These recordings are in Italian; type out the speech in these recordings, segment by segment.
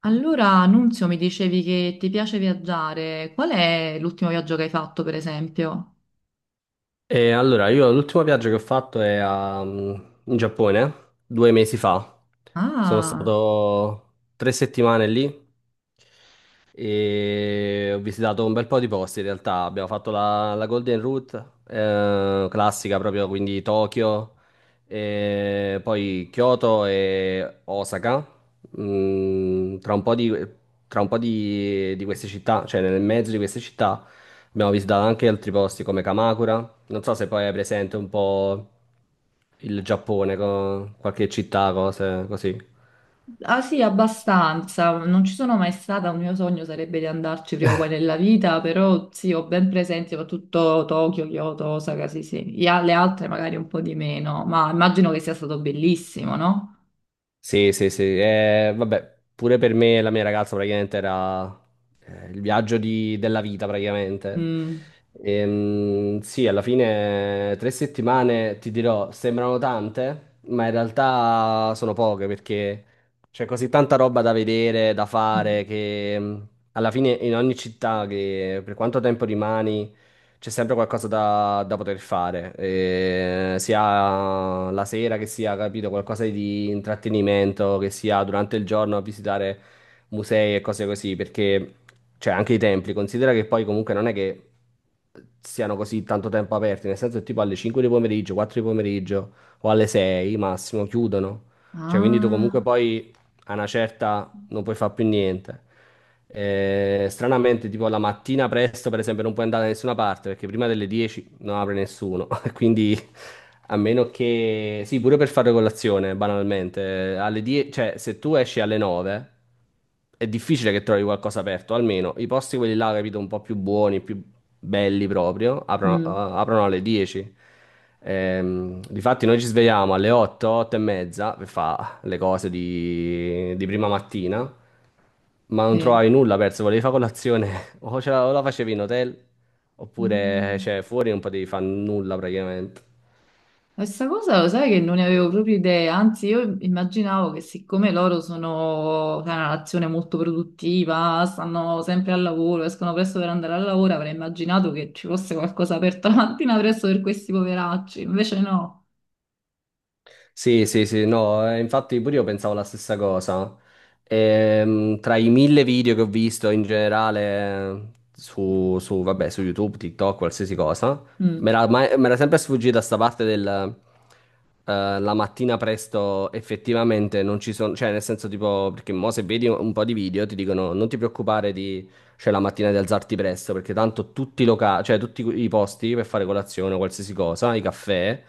Allora, Nunzio, mi dicevi che ti piace viaggiare. Qual è l'ultimo viaggio che hai fatto, per esempio? E allora, io l'ultimo viaggio che ho fatto è in Giappone, 2 mesi fa. Sono Ah, stato 3 settimane lì e ho visitato un bel po' di posti in realtà. Abbiamo fatto la Golden Route, classica proprio, quindi Tokyo, e poi Kyoto e Osaka. Tra un po' di, di queste città, cioè nel mezzo di queste città, abbiamo visitato anche altri posti come Kamakura. Non so se poi è presente un po' il Giappone, qualche città, cose così. ah sì, abbastanza. Non ci sono mai stata. Un mio sogno sarebbe di andarci prima o poi nella vita, però sì, ho ben presente soprattutto Tokyo, Kyoto, Osaka, sì, sì. Le altre magari un po' di meno, ma immagino che sia stato bellissimo, no? Sì, sì, sì. Vabbè, pure per me e la mia ragazza praticamente era il viaggio della vita praticamente. Mm. Sì, alla fine 3 settimane, ti dirò, sembrano tante, ma in realtà sono poche perché c'è così tanta roba da vedere, da Mm. fare, che alla fine, in ogni città, che per quanto tempo rimani, c'è sempre qualcosa da poter fare, sia la sera, che sia, capito, qualcosa di intrattenimento, che sia durante il giorno a visitare musei e cose così, perché, cioè, anche i templi, considera che poi comunque non è che siano così tanto tempo aperti, nel senso che tipo alle 5 di pomeriggio, 4 di pomeriggio o alle 6 massimo chiudono, cioè, quindi tu comunque Ah. poi, a una certa, non puoi fare più niente. Stranamente, tipo la mattina presto, per esempio, non puoi andare da nessuna parte perché prima delle 10 non apre nessuno. Quindi, a meno che, sì, pure per fare colazione, banalmente, alle 10, cioè se tu esci alle 9, è difficile che trovi qualcosa aperto, almeno i posti quelli là, capito, un po' più buoni, più belli proprio, aprono, Mm, aprono alle 10. Difatti noi ci svegliamo alle 8, 8 e mezza, per le cose di prima mattina, ma non sì. trovavi nulla, perso, volevi fare colazione, o la facevi in hotel, oppure Ah. cioè, fuori non potevi fare nulla praticamente. Questa cosa lo sai che non ne avevo proprio idea, anzi io immaginavo che siccome loro sono sai, una nazione molto produttiva, stanno sempre al lavoro, escono presto per andare al lavoro, avrei immaginato che ci fosse qualcosa aperto la mattina presto per questi poveracci, invece no. Sì, sì, sì, no, infatti pure io pensavo la stessa cosa. Tra i 1000 video che ho visto in generale, vabbè, su YouTube, TikTok, qualsiasi cosa, mi Mm. era, mai- mi era sempre sfuggita sta parte del, la mattina presto effettivamente non ci sono, cioè nel senso tipo, perché mo se vedi un po' di video ti dicono non ti preoccupare di, cioè la mattina di alzarti presto, perché tanto tutti i locali, cioè tutti i posti per fare colazione o qualsiasi cosa, i caffè,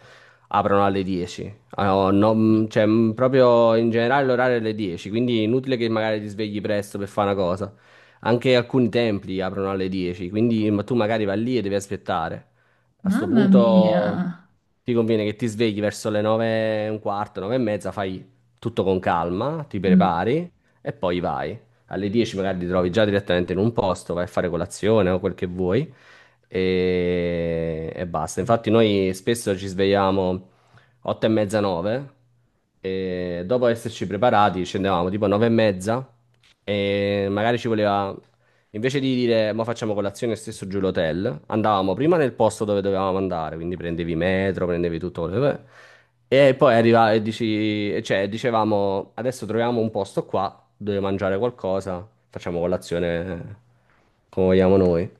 aprono alle 10. Ah, no, no, cioè, proprio in generale l'orario è alle 10, quindi inutile che magari ti svegli presto per fare una cosa. Anche alcuni templi aprono alle 10, quindi ma tu magari vai lì e devi aspettare. A sto Mamma mia. punto ti conviene che ti svegli verso le 9 e un quarto, 9 e mezza, fai tutto con calma, ti Mm. prepari e poi vai. Alle 10 magari ti trovi già direttamente in un posto, vai a fare colazione o quel che vuoi e basta. Infatti noi spesso ci svegliamo 8 e mezza, 9. E dopo esserci preparati scendevamo tipo 9 e mezza e magari ci voleva. Invece di dire, ma facciamo colazione stesso giù l'hotel, andavamo prima nel posto dove dovevamo andare, quindi prendevi metro, prendevi tutto quello. E poi arriva e dici, e cioè, dicevamo, adesso troviamo un posto qua dove mangiare qualcosa, facciamo colazione come vogliamo noi.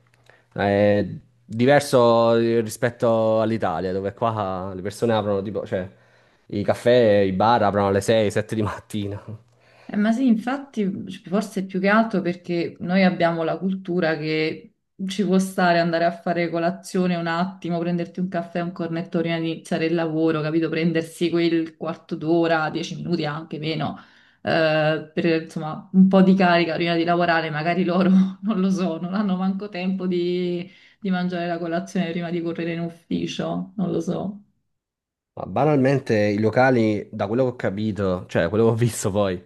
È diverso rispetto all'Italia, dove qua le persone aprono tipo, cioè, i caffè, i bar aprono alle 6, 7 di mattina. Ma sì, infatti, cioè, forse è più che altro perché noi abbiamo la cultura che ci può stare andare a fare colazione un attimo, prenderti un caffè, un cornetto prima di iniziare il lavoro, capito? Prendersi quel quarto d'ora, dieci minuti anche meno, per insomma un po' di carica prima di lavorare. Magari loro non lo so, non hanno manco tempo di mangiare la colazione prima di correre in ufficio, non lo so. Ma banalmente i locali, da quello che ho capito, cioè da quello che ho visto poi,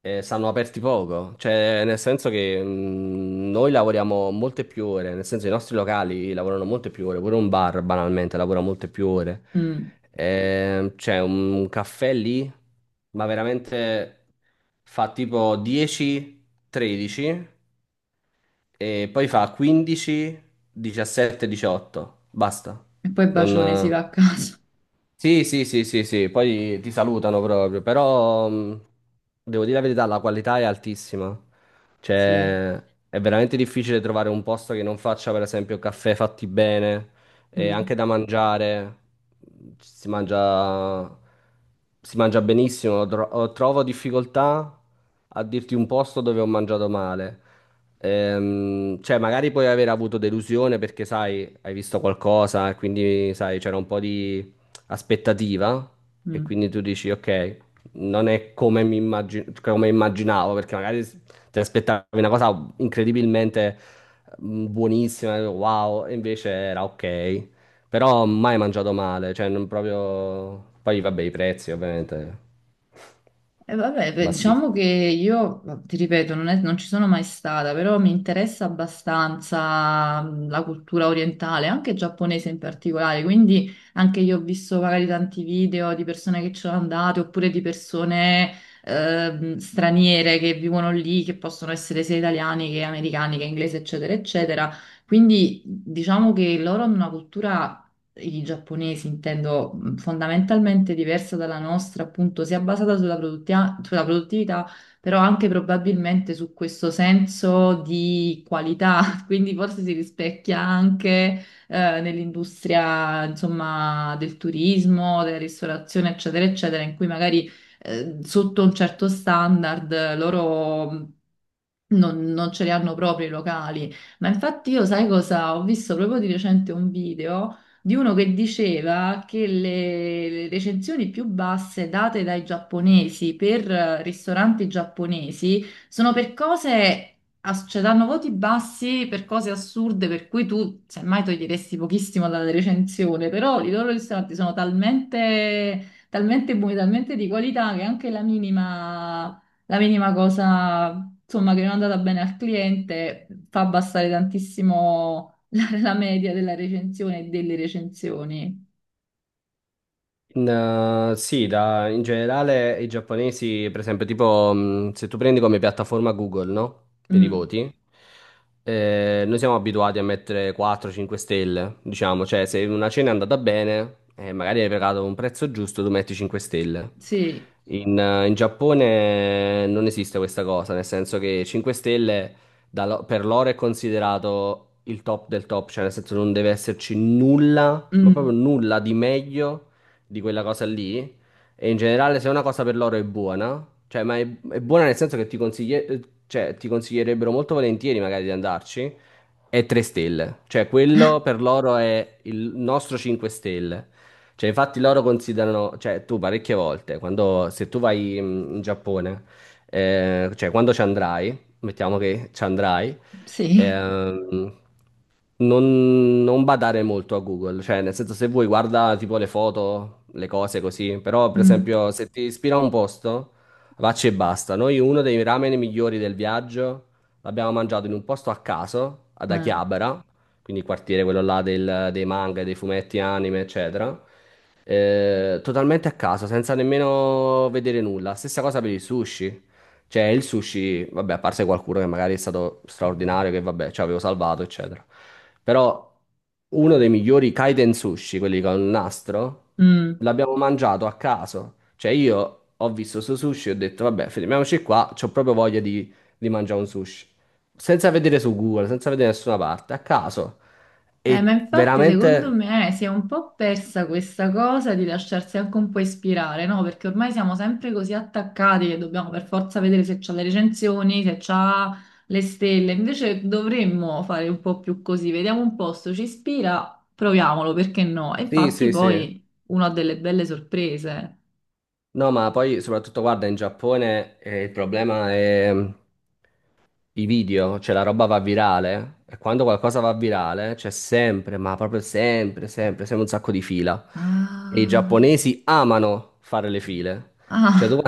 stanno aperti poco, cioè nel senso che noi lavoriamo molte più ore, nel senso i nostri locali lavorano molte più ore, pure un bar banalmente lavora molte più ore. Mm. C'è un caffè lì, ma veramente fa tipo 10-13 e poi fa 15-17-18, basta, E poi bacione, si non... va a casa. Sì, sì, sì, sì, sì, poi ti salutano proprio, però devo dire la verità, la qualità è altissima. Sì. Cioè, è veramente difficile trovare un posto che non faccia, per esempio, caffè fatti bene e anche Mm. da mangiare. mhmm, Si mangia, si mangia benissimo. Trovo difficoltà a dirti un posto dove ho mangiato male. Cioè, magari puoi aver avuto delusione perché, sai, hai visto qualcosa e quindi, sai, c'era un po' di aspettativa, e Mm. quindi tu dici ok, non è come come immaginavo, perché magari ti aspettavi una cosa incredibilmente buonissima, wow, e invece era ok, però mai mangiato male, cioè non proprio. Poi vabbè, i prezzi ovviamente E vabbè, beh, bassissimi. diciamo che io, ti ripeto, non ci sono mai stata, però mi interessa abbastanza la cultura orientale, anche giapponese in particolare, quindi anche io ho visto magari tanti video di persone che ci sono andate, oppure di persone straniere che vivono lì, che possono essere sia italiani che americani, che inglesi, eccetera, eccetera. Quindi diciamo che loro hanno una cultura i giapponesi, intendo fondamentalmente diversa dalla nostra, appunto, sia basata sulla sulla produttività, però anche probabilmente su questo senso di qualità, quindi forse si rispecchia anche nell'industria, insomma, del turismo, della ristorazione, eccetera, eccetera, in cui magari sotto un certo standard loro non ce li hanno proprio i locali. Ma infatti io sai cosa? Ho visto proprio di recente un video di uno che diceva che le recensioni più basse date dai giapponesi per ristoranti giapponesi sono per cose. Cioè, danno voti bassi per cose assurde per cui tu semmai toglieresti pochissimo dalla recensione, però i loro ristoranti sono talmente, talmente buoni, talmente di qualità che anche la minima cosa, insomma, che non è andata bene al cliente fa abbassare tantissimo la media della recensione e delle recensioni. Sì, in generale i giapponesi, per esempio, tipo se tu prendi come piattaforma Google, no? Per i Mm, voti, noi siamo abituati a mettere 4-5 stelle, diciamo, cioè se una cena è andata bene e magari hai pagato un prezzo giusto, tu metti 5 stelle. sì, In Giappone non esiste questa cosa, nel senso che 5 stelle per loro è considerato il top del top, cioè nel senso non deve esserci nulla, ma proprio mm, nulla di meglio di quella cosa lì. E in generale, se una cosa per loro è buona, cioè, ma è buona, nel senso che cioè, ti consiglierebbero molto volentieri magari di andarci, è 3 stelle. Cioè, quello per loro è il nostro 5 stelle. Cioè, infatti loro considerano, cioè, tu parecchie volte, quando, se tu vai in Giappone, cioè, quando ci andrai, mettiamo che ci andrai, sì, Ehm, non badare molto a Google, cioè nel senso se vuoi guarda tipo le foto, le cose così, però per mm, esempio se ti ispira un posto, vacci e basta. Noi, uno dei ramen migliori del viaggio, l'abbiamo mangiato in un posto a caso, ad eh, Akihabara, quindi il quartiere quello là dei manga, dei fumetti, anime, eccetera. Totalmente a caso, senza nemmeno vedere nulla. Stessa cosa per i sushi. Cioè, il sushi, vabbè, a parte qualcuno che magari è stato straordinario, che vabbè, ci avevo salvato, eccetera. Però uno dei migliori kaiten sushi, quelli con il nastro, mm. l'abbiamo mangiato a caso. Cioè, io ho visto su sushi e ho detto, vabbè, fermiamoci qua, c'ho proprio voglia di mangiare un sushi. Senza vedere su Google, senza vedere nessuna parte, a caso. Ma E infatti secondo veramente... me si è un po' persa questa cosa di lasciarsi anche un po' ispirare, no? Perché ormai siamo sempre così attaccati che dobbiamo per forza vedere se c'ha le recensioni, se c'ha le stelle. Invece dovremmo fare un po' più così, vediamo un posto, ci ispira, proviamolo, perché no? E Sì, infatti sì, sì. poi uno ha delle belle sorprese. No, ma poi soprattutto guarda, in Giappone, il problema è. I video, cioè la roba va virale e quando qualcosa va virale c'è sempre, ma proprio sempre, sempre, sempre un sacco di fila. E i Ah, giapponesi amano fare le file. Cioè tu ah,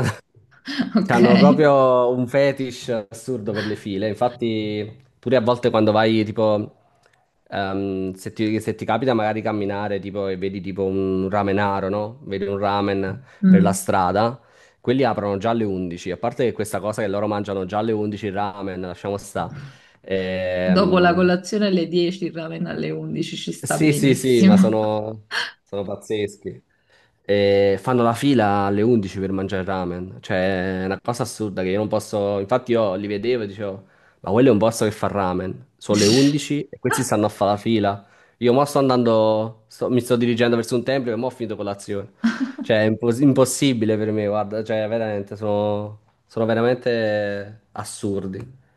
ok. hanno proprio un fetish assurdo per le file. Infatti, pure a volte quando vai, tipo, se ti capita magari camminare, tipo, e vedi tipo un ramenaro, no? Vedi un ramen per la Mm. strada, quelli aprono già alle 11. A parte che questa cosa che loro mangiano già alle 11 il ramen, lasciamo sta. Dopo la Ehm, colazione alle 10, il ramen alle 11 ci sta sì, sì, sì, ma benissimo. sono pazzeschi. E fanno la fila alle 11 per mangiare ramen. Cioè, è una cosa assurda che io non posso. Infatti, io li vedevo e dicevo, ma quello è un posto che fa ramen. Sono le 11 e questi stanno a fare la fila. Io mo sto andando, mi sto dirigendo verso un tempio, e mo ho finito colazione. Cioè, è impossibile per me, guarda, cioè, veramente, sono veramente assurdi.